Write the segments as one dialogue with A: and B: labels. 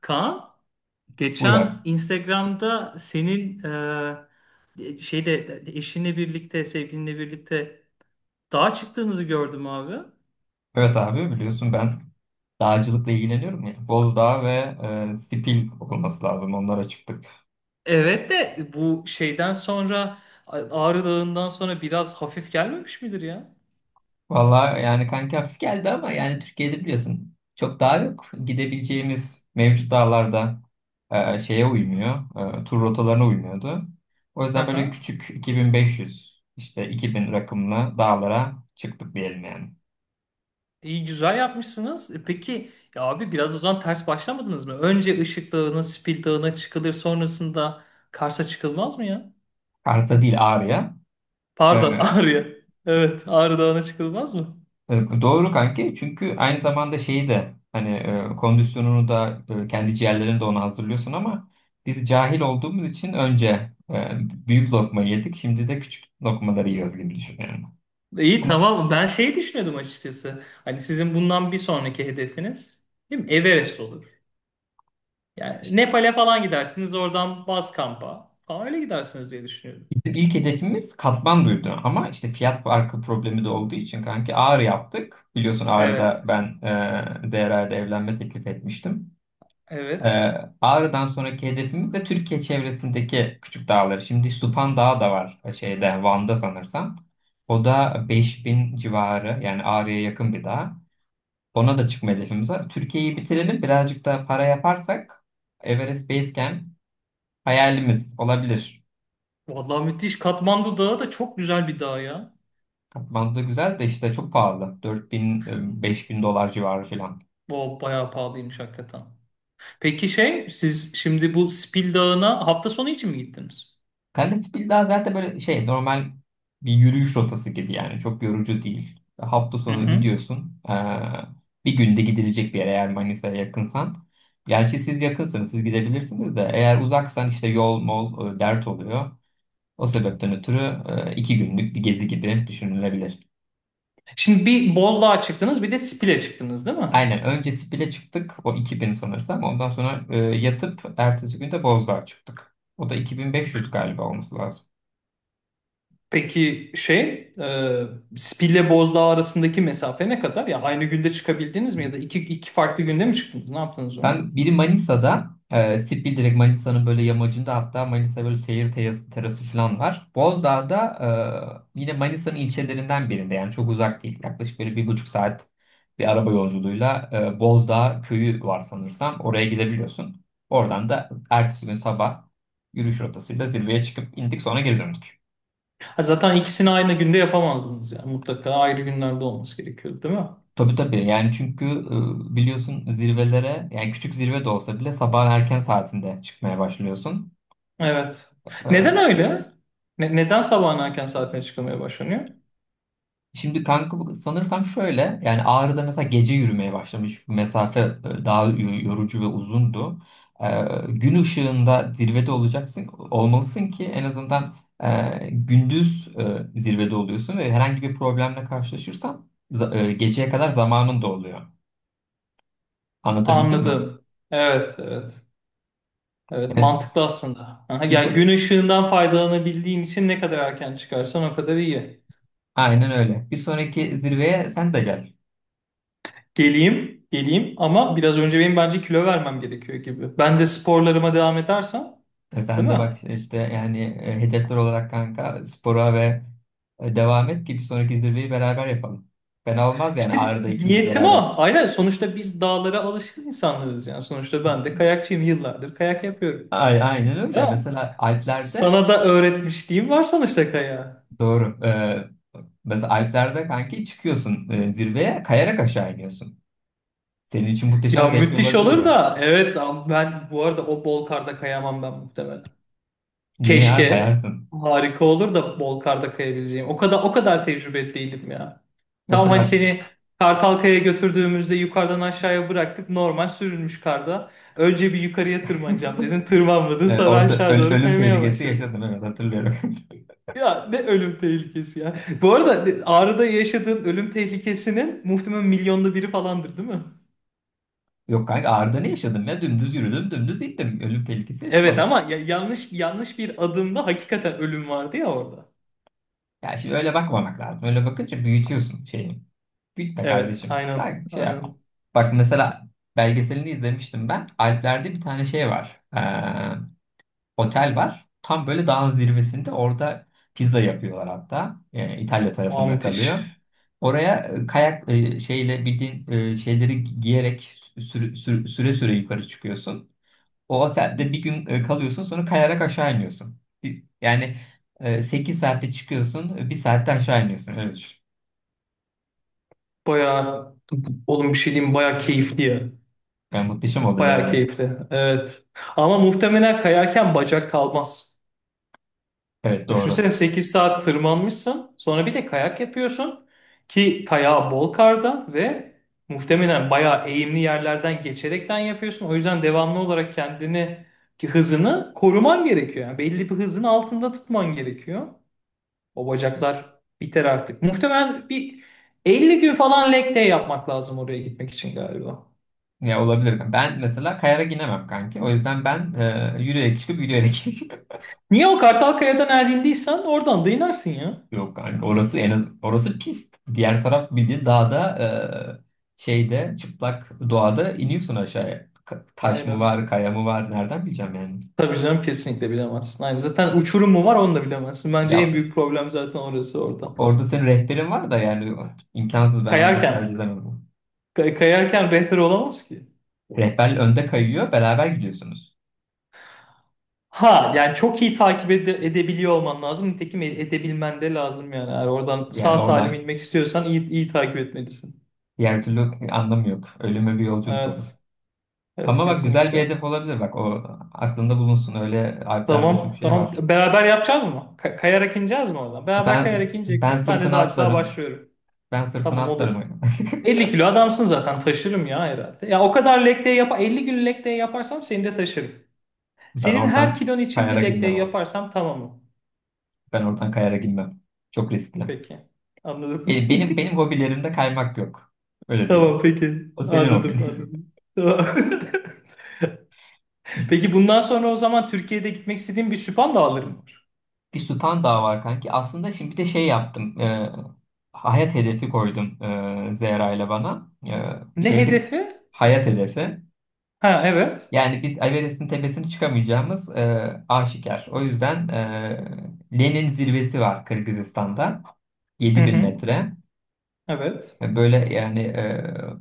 A: Kaan,
B: Buyur abi.
A: geçen Instagram'da senin sevgilinle birlikte dağa çıktığınızı gördüm abi.
B: Evet abi biliyorsun ben dağcılıkla ilgileniyorum ya. Bozdağ ve Sipil olması lazım onlara çıktık.
A: Evet de bu şeyden sonra Ağrı Dağı'ndan sonra biraz hafif gelmemiş midir ya?
B: Valla yani kanki hafif geldi ama yani Türkiye'de biliyorsun çok dağ yok. Gidebileceğimiz mevcut dağlarda şeye uymuyor. Tur rotalarına uymuyordu. O
A: Hı
B: yüzden böyle
A: hı.
B: küçük 2.500 işte 2.000 rakımlı dağlara çıktık diyelim yani.
A: İyi güzel yapmışsınız. Peki ya abi biraz o zaman ters başlamadınız mı? Önce Işık Dağı'na, Spil Dağı'na çıkılır sonrasında Kars'a çıkılmaz mı ya?
B: Karta değil Ağrı'ya. E,
A: Pardon Ağrı'ya. Evet Ağrı Dağı'na çıkılmaz mı?
B: Doğru kanki çünkü aynı zamanda şeyi de hani kondisyonunu da kendi ciğerlerini de ona hazırlıyorsun ama biz cahil olduğumuz için önce e, büyük lokma yedik, şimdi de küçük lokmaları yiyoruz gibi düşünüyorum.
A: İyi
B: Ama
A: tamam. Ben şey düşünüyordum açıkçası. Hani sizin bundan bir sonraki hedefiniz değil mi? Everest olur.
B: işte
A: Yani Nepal'e falan gidersiniz. Oradan baz kampa falan öyle gidersiniz diye düşünüyorum.
B: bizim ilk hedefimiz Katmandu'ydu, ama işte fiyat farkı problemi de olduğu için kanki Ağrı yaptık. Biliyorsun
A: Evet.
B: Ağrı'da ben Değeray'da evlenme teklif etmiştim.
A: Evet.
B: Ee, Ağrı'dan sonraki hedefimiz de Türkiye çevresindeki küçük dağları. Şimdi Supan Dağı da var şeyde, Van'da sanırsam. O da 5.000 civarı, yani Ağrı'ya yakın bir dağ. Ona da çıkma hedefimiz var. Türkiye'yi bitirelim, birazcık da para yaparsak Everest Base Camp hayalimiz olabilir.
A: Vallahi müthiş. Katmandu Dağı da çok güzel bir dağ ya.
B: Katmandu güzel de işte çok pahalı. Bin dolar civarı falan.
A: O bayağı pahalıymış hakikaten. Peki şey siz şimdi bu Spil Dağı'na hafta sonu için mi gittiniz?
B: Kalispil daha zaten böyle şey, normal bir yürüyüş rotası gibi, yani çok yorucu değil. Hafta
A: Hı
B: sonu
A: hı.
B: gidiyorsun. Bir günde gidilecek bir yer, eğer Manisa'ya yakınsan. Gerçi siz yakınsanız siz gidebilirsiniz de, eğer uzaksan işte yol mol dert oluyor. O sebepten ötürü iki günlük bir gezi gibi düşünülebilir.
A: Şimdi bir Bozdağ'a çıktınız bir de Spil'e çıktınız değil mi?
B: Aynen, önce Spil'e çıktık, o 2.000 sanırsam, ondan sonra yatıp ertesi gün de Bozdağ'a çıktık. O da 2.500 galiba olması lazım.
A: Peki Spil'le Bozdağ arasındaki mesafe ne kadar? Ya aynı günde çıkabildiniz mi ya da iki farklı günde mi çıktınız? Ne yaptınız onu?
B: Ben biri Manisa'da, Sipil direkt Manisa'nın böyle yamacında, hatta Manisa böyle seyir terası, terası falan var. Bozdağ'da yine Manisa'nın ilçelerinden birinde, yani çok uzak değil. Yaklaşık böyle 1,5 saat bir araba yolculuğuyla Bozdağ köyü var sanırsam. Oraya gidebiliyorsun. Oradan da ertesi gün sabah yürüyüş rotasıyla zirveye çıkıp indik, sonra geri döndük.
A: Ha, zaten ikisini aynı günde yapamazdınız ya. Mutlaka ayrı günlerde olması gerekiyordu, değil mi?
B: Tabii tabii, yani çünkü biliyorsun zirvelere, yani küçük zirve de olsa bile, sabah erken saatinde çıkmaya başlıyorsun.
A: Evet. Neden
B: E,
A: öyle? Neden sabahın erken saatine çıkılmaya başlanıyor?
B: Şimdi kanka sanırsam şöyle, yani Ağrı'da mesela gece yürümeye başlamış. Bu mesafe daha yorucu ve uzundu. Ee, gün ışığında zirvede olacaksın, olmalısın ki en azından gündüz zirvede oluyorsun ve herhangi bir problemle karşılaşırsan geceye kadar zamanın da oluyor. Anlatabildim mi?
A: Anladım. Evet, evet. Evet,
B: Yani
A: mantıklı aslında. Aha,
B: bir
A: ya
B: so-
A: gün ışığından faydalanabildiğin için ne kadar erken çıkarsan o kadar iyi.
B: Aynen öyle. Bir sonraki zirveye sen de gel.
A: Geleyim, geleyim ama biraz önce benim bence kilo vermem gerekiyor gibi. Ben de sporlarıma devam edersem,
B: Sen
A: değil
B: de
A: mi?
B: bak işte, yani hedefler olarak kanka spora ve devam et ki bir sonraki zirveyi beraber yapalım. Fena olmaz, yani
A: İşte
B: Ağrı'da ikimiz
A: niyetim
B: beraber.
A: o. Aynen sonuçta biz dağlara alışkın insanlarız yani. Sonuçta ben de kayakçıyım yıllardır kayak yapıyorum.
B: Ay, aynen öyle.
A: Ya
B: Mesela Alpler'de
A: sana da öğretmişliğim var sonuçta kayağı.
B: doğru. Mesela Alpler'de kanki çıkıyorsun, zirveye kayarak aşağı iniyorsun. Senin için muhteşem
A: Ya
B: zevkli
A: müthiş
B: olabilir
A: olur
B: ya.
A: da evet ama ben bu arada o bol karda kayamam ben muhtemelen.
B: Niye ya,
A: Keşke
B: kayarsın?
A: harika olur da bol karda kayabileceğim. O kadar tecrübeli değilim ya. Tam hani
B: Mesela
A: seni Kartalkaya götürdüğümüzde yukarıdan aşağıya bıraktık. Normal sürülmüş karda. Önce bir yukarıya tırmanacağım dedin. Tırmanmadın sonra
B: orada
A: aşağı doğru
B: ölüm
A: kaymaya
B: tehlikesi
A: başladın.
B: yaşadım, evet hatırlıyorum.
A: Ya ne ölüm tehlikesi ya. Bu arada Ağrı'da yaşadığın ölüm tehlikesinin muhtemelen milyonda biri falandır değil mi?
B: Yok kanka, Ağrı'da ne yaşadım ya? Dümdüz yürüdüm, dümdüz gittim. Ölüm tehlikesi
A: Evet
B: yaşamadım.
A: ama yanlış yanlış bir adımda hakikaten ölüm vardı ya orada.
B: Ya şimdi öyle bakmamak lazım. Öyle bakınca büyütüyorsun şeyi. Büyütme
A: Evet
B: kardeşim.
A: aynen
B: Ben şey yapmam.
A: aynen.
B: Bak mesela, belgeselini izlemiştim ben. Alplerde bir tane şey var. Otel var. Tam böyle dağın zirvesinde, orada pizza yapıyorlar hatta. İtalya
A: Aa
B: tarafında
A: müthiş.
B: kalıyor. Oraya kayak şeyle, bildiğin şeyleri giyerek süre süre yukarı çıkıyorsun. O otelde bir gün kalıyorsun, sonra kayarak aşağı iniyorsun. Yani sekiz 8 saatte çıkıyorsun, bir saatte aşağı iniyorsun. Evet.
A: Bayağı oğlum bir şey diyeyim mi? Bayağı keyifli ya.
B: Yani muhteşem olur
A: Bayağı
B: yani.
A: keyifli. Evet. Ama muhtemelen kayarken bacak kalmaz.
B: Evet doğru.
A: Düşünsene 8 saat tırmanmışsın. Sonra bir de kayak yapıyorsun. Ki kayağı bol karda ve muhtemelen bayağı eğimli yerlerden geçerekten yapıyorsun. O yüzden devamlı olarak kendini ki hızını koruman gerekiyor. Yani belli bir hızın altında tutman gerekiyor. O bacaklar biter artık. Muhtemelen bir 50 gün falan leg day yapmak lazım oraya gitmek için galiba.
B: Ya olabilir. Ben mesela kayarak inemem kanki. O yüzden ben yürüyerek çıkıp yürüyerek ineceğim.
A: Niye o Kartalkaya'dan erindiysen oradan da inersin ya.
B: Yok kanka, orası en az orası pist. Diğer taraf bildiğin dağda şeyde, çıplak doğada iniyorsun aşağıya. Taş mı
A: Aynen.
B: var, kaya mı var, nereden bileceğim yani.
A: Tabii canım kesinlikle bilemezsin. Aynen. Zaten uçurum mu var onu da bilemezsin. Bence en
B: Ya
A: büyük problem zaten orası orada.
B: orada senin rehberin var da, yani imkansız, ben ona cesaret
A: Kayarken.
B: edemedim.
A: Kayarken rehber olamaz ki.
B: Rehber önde kayıyor, beraber gidiyorsunuz.
A: Ha yani çok iyi takip edebiliyor olman lazım. Nitekim edebilmen de lazım yani. Eğer oradan sağ
B: Yani
A: salim
B: oradan
A: inmek istiyorsan iyi takip etmelisin.
B: diğer türlü anlamı yok. Ölüme bir yolculuk olur.
A: Evet. Evet
B: Ama bak güzel bir
A: kesinlikle.
B: hedef olabilir. Bak o aklında bulunsun. Öyle Alplerde çok
A: Tamam.
B: şey
A: Tamam.
B: var.
A: Beraber yapacağız mı? Kayarak ineceğiz mi oradan? Beraber
B: Ben
A: kayarak
B: ben
A: ineceksek ben de
B: sırtına
A: dağcılığa
B: atlarım.
A: başlıyorum.
B: Ben sırtına
A: Tamam olur.
B: atlarım.
A: 50 kilo adamsın zaten taşırım ya herhalde. Ya o kadar leg day yap 50 gün leg day yaparsam seni de taşırım.
B: Ben
A: Senin her
B: oradan
A: kilon için
B: kayara
A: bir leg day
B: girmem abi.
A: yaparsam tamam mı?
B: Ben oradan kayara girmem. Çok riskli.
A: Peki. Anladım.
B: Benim hobilerimde kaymak yok. Öyle diyeyim.
A: Tamam peki.
B: O senin hobin.
A: Anladım anladım. Tamam. Peki bundan sonra o zaman Türkiye'de gitmek istediğim bir süphan dağlarım var.
B: Bir Süphan daha var kanki. Aslında şimdi bir de şey yaptım. Hayat hedefi koydum, Zehra ile bana. E,
A: Ne
B: şeydi
A: hedefi?
B: hayat hedefi.
A: Ha evet.
B: Yani biz Everest'in tepesine çıkamayacağımız aşikar. O yüzden Lenin zirvesi var Kırgızistan'da.
A: Hı
B: yedi bin
A: hı.
B: metre.
A: Evet.
B: Böyle yani,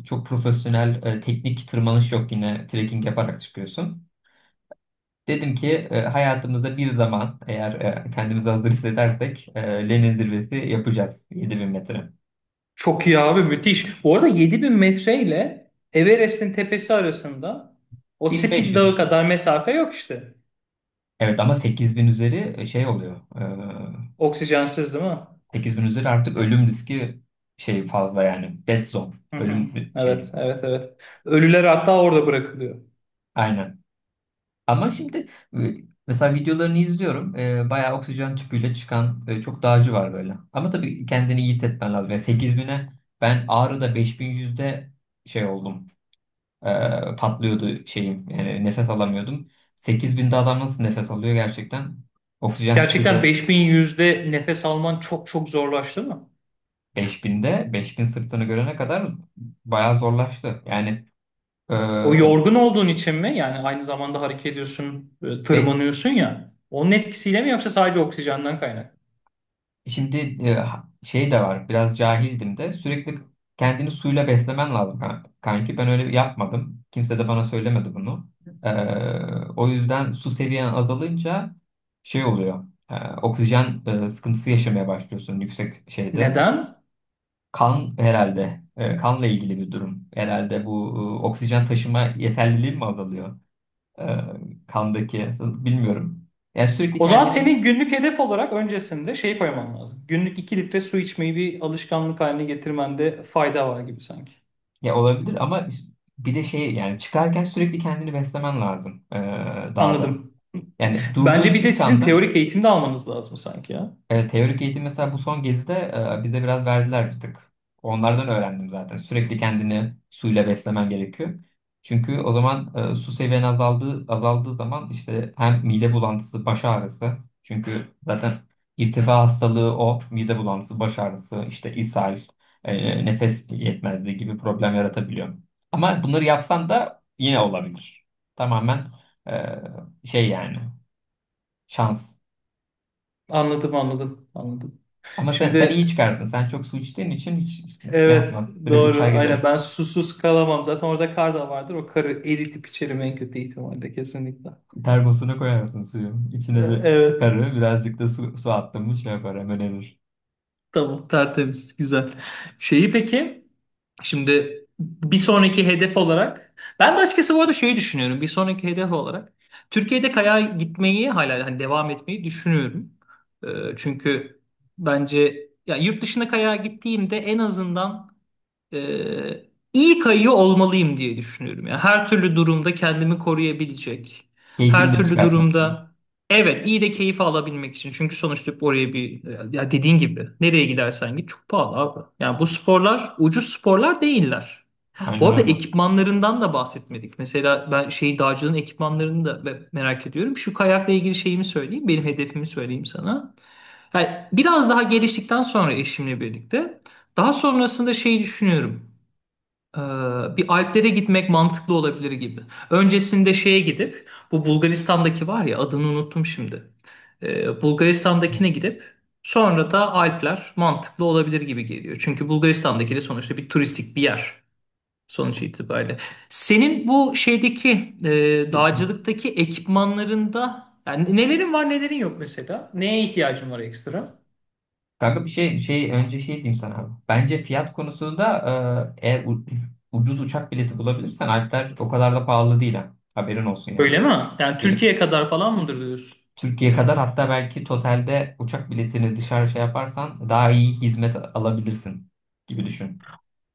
B: çok profesyonel teknik tırmanış yok, yine trekking yaparak çıkıyorsun. Dedim ki hayatımızda bir zaman eğer kendimizi hazır hissedersek Lenin zirvesi yapacağız, 7.000 metre.
A: Çok iyi abi müthiş. Bu arada 7.000 metre ile Everest'in tepesi arasında o Spil
B: 1.500
A: Dağı
B: işte.
A: kadar mesafe yok işte.
B: Evet ama 8.000 üzeri şey oluyor.
A: Oksijensiz değil mi?
B: 8.000 üzeri artık ölüm riski şey fazla yani. Dead zone.
A: Hı hı.
B: Ölüm
A: Evet,
B: şeyi.
A: evet, evet. Ölüler hatta orada bırakılıyor.
B: Aynen. Ama şimdi e, mesela videolarını izliyorum. Bayağı oksijen tüpüyle çıkan çok dağcı var böyle. Ama tabii kendini iyi hissetmen lazım. Yani 8.000'e, ben Ağrı'da 5.100'de şey oldum. Patlıyordu şeyim. Nefes alamıyordum. 8.000'de adam nasıl nefes alıyor gerçekten? Oksijen
A: Gerçekten
B: tüpüyle
A: 5.100'de nefes alman çok çok zorlaştı mı?
B: 5.000'de, 5.000 sırtını görene kadar bayağı zorlaştı. Yani e,
A: O yorgun olduğun için mi? Yani aynı zamanda hareket ediyorsun,
B: be-
A: tırmanıyorsun ya. Onun etkisiyle mi yoksa sadece oksijenden kaynak?
B: şimdi şey de var. Biraz cahildim de, sürekli kendini suyla beslemen lazım kanki. Ben öyle yapmadım. Kimse de bana söylemedi bunu. Ee, o yüzden su seviyen azalınca şey oluyor. Ee, oksijen sıkıntısı yaşamaya başlıyorsun yüksek şeyde.
A: Neden?
B: Kan herhalde. Kanla ilgili bir durum. Herhalde bu oksijen taşıma yeterliliği mi azalıyor? E, kandaki bilmiyorum. Yani sürekli
A: O zaman
B: kendini.
A: senin günlük hedef olarak öncesinde şey koyman lazım. Günlük 2 litre su içmeyi bir alışkanlık haline getirmende fayda var gibi sanki.
B: Ya olabilir ama bir de şey yani, çıkarken sürekli kendini beslemen lazım dağda.
A: Anladım.
B: Yani
A: Bence
B: durduğun
A: bir de
B: ilk
A: sizin
B: anda.
A: teorik eğitim de almanız lazım sanki ya.
B: Evet, teorik eğitim mesela bu son gezide bize biraz verdiler bir tık. Onlardan öğrendim zaten. Sürekli kendini suyla beslemen gerekiyor. Çünkü o zaman su seviyen azaldığı zaman, işte hem mide bulantısı, baş ağrısı. Çünkü zaten irtifa hastalığı, o mide bulantısı, baş ağrısı, işte ishal, nefes yetmezliği gibi problem yaratabiliyor. Ama bunları yapsan da yine olabilir. Tamamen e, şey yani, şans.
A: Anladım, anladım, anladım.
B: Ama sen
A: Şimdi
B: iyi çıkarsın. Sen çok su içtiğin için hiç şey
A: evet
B: yapma. Direkt uçar
A: doğru aynen
B: gidersin.
A: ben susuz kalamam zaten orada kar da vardır o karı eritip içerim en kötü ihtimalle kesinlikle.
B: Termosuna koyarsın suyu. İçine bir
A: Evet
B: karı, birazcık da su attın mı, şey yapar, hemen erir.
A: tamam tertemiz güzel. Şeyi peki şimdi bir sonraki hedef olarak ben de açıkçası bu arada şeyi düşünüyorum bir sonraki hedef olarak Türkiye'de kayağa gitmeyi hala hani devam etmeyi düşünüyorum. E, Çünkü bence ya yurt dışına kayağa gittiğimde en azından Ee, iyi kayıyor olmalıyım diye düşünüyorum. Yani her türlü durumda kendimi koruyabilecek. Her
B: Keyfini de
A: türlü
B: çıkartmak için.
A: durumda evet iyi de keyif alabilmek için. Çünkü sonuçta oraya bir ya dediğin gibi nereye gidersen git çok pahalı abi. Yani bu sporlar ucuz sporlar değiller. Bu
B: Aynen
A: arada
B: öyle. Hı.
A: ekipmanlarından da bahsetmedik. Mesela ben şey dağcılığın ekipmanlarını da merak ediyorum. Şu kayakla ilgili şeyimi söyleyeyim. Benim hedefimi söyleyeyim sana. Yani biraz daha geliştikten sonra eşimle birlikte daha sonrasında şeyi düşünüyorum. Ee, bir Alplere gitmek mantıklı olabilir gibi. Öncesinde şeye gidip bu Bulgaristan'daki var ya adını unuttum şimdi. Bulgaristan'dakine gidip sonra da Alpler mantıklı olabilir gibi geliyor. Çünkü Bulgaristan'daki de sonuçta bir turistik bir yer sonuç itibariyle. Senin bu şeydeki
B: Du- bir-
A: dağcılıktaki ekipmanlarında yani nelerin var nelerin yok mesela? Neye ihtiyacın var ekstra?
B: Kanka bir şey önce şey diyeyim sana abi. Bence fiyat konusunda eğer ucuz uçak bileti bulabilirsen Alpler o kadar da pahalı değil ha. Haberin olsun yani.
A: Öyle mi? Yani
B: Benim,
A: Türkiye kadar falan mıdır diyorsun?
B: Türkiye kadar, hatta belki totalde uçak biletini dışarı şey yaparsan daha iyi hizmet alabilirsin gibi düşün.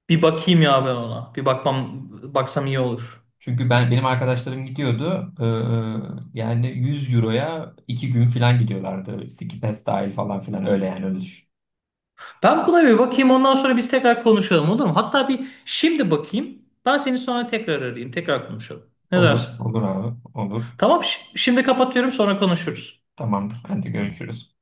A: Bir bakayım ya ben ona. Bir bakmam baksam iyi olur.
B: Çünkü benim arkadaşlarım gidiyordu. Yani 100 euroya 2 gün falan gidiyorlardı. Ski pass dahil falan filan, öyle yani, öyle düşün.
A: Ben buna bir bakayım ondan sonra biz tekrar konuşalım olur mu? Hatta bir şimdi bakayım. Ben seni sonra tekrar arayayım. Tekrar konuşalım. Ne
B: Olur,
A: dersin?
B: olur abi, olur.
A: Tamam şimdi kapatıyorum sonra konuşuruz.
B: Tamamdır. Hadi görüşürüz.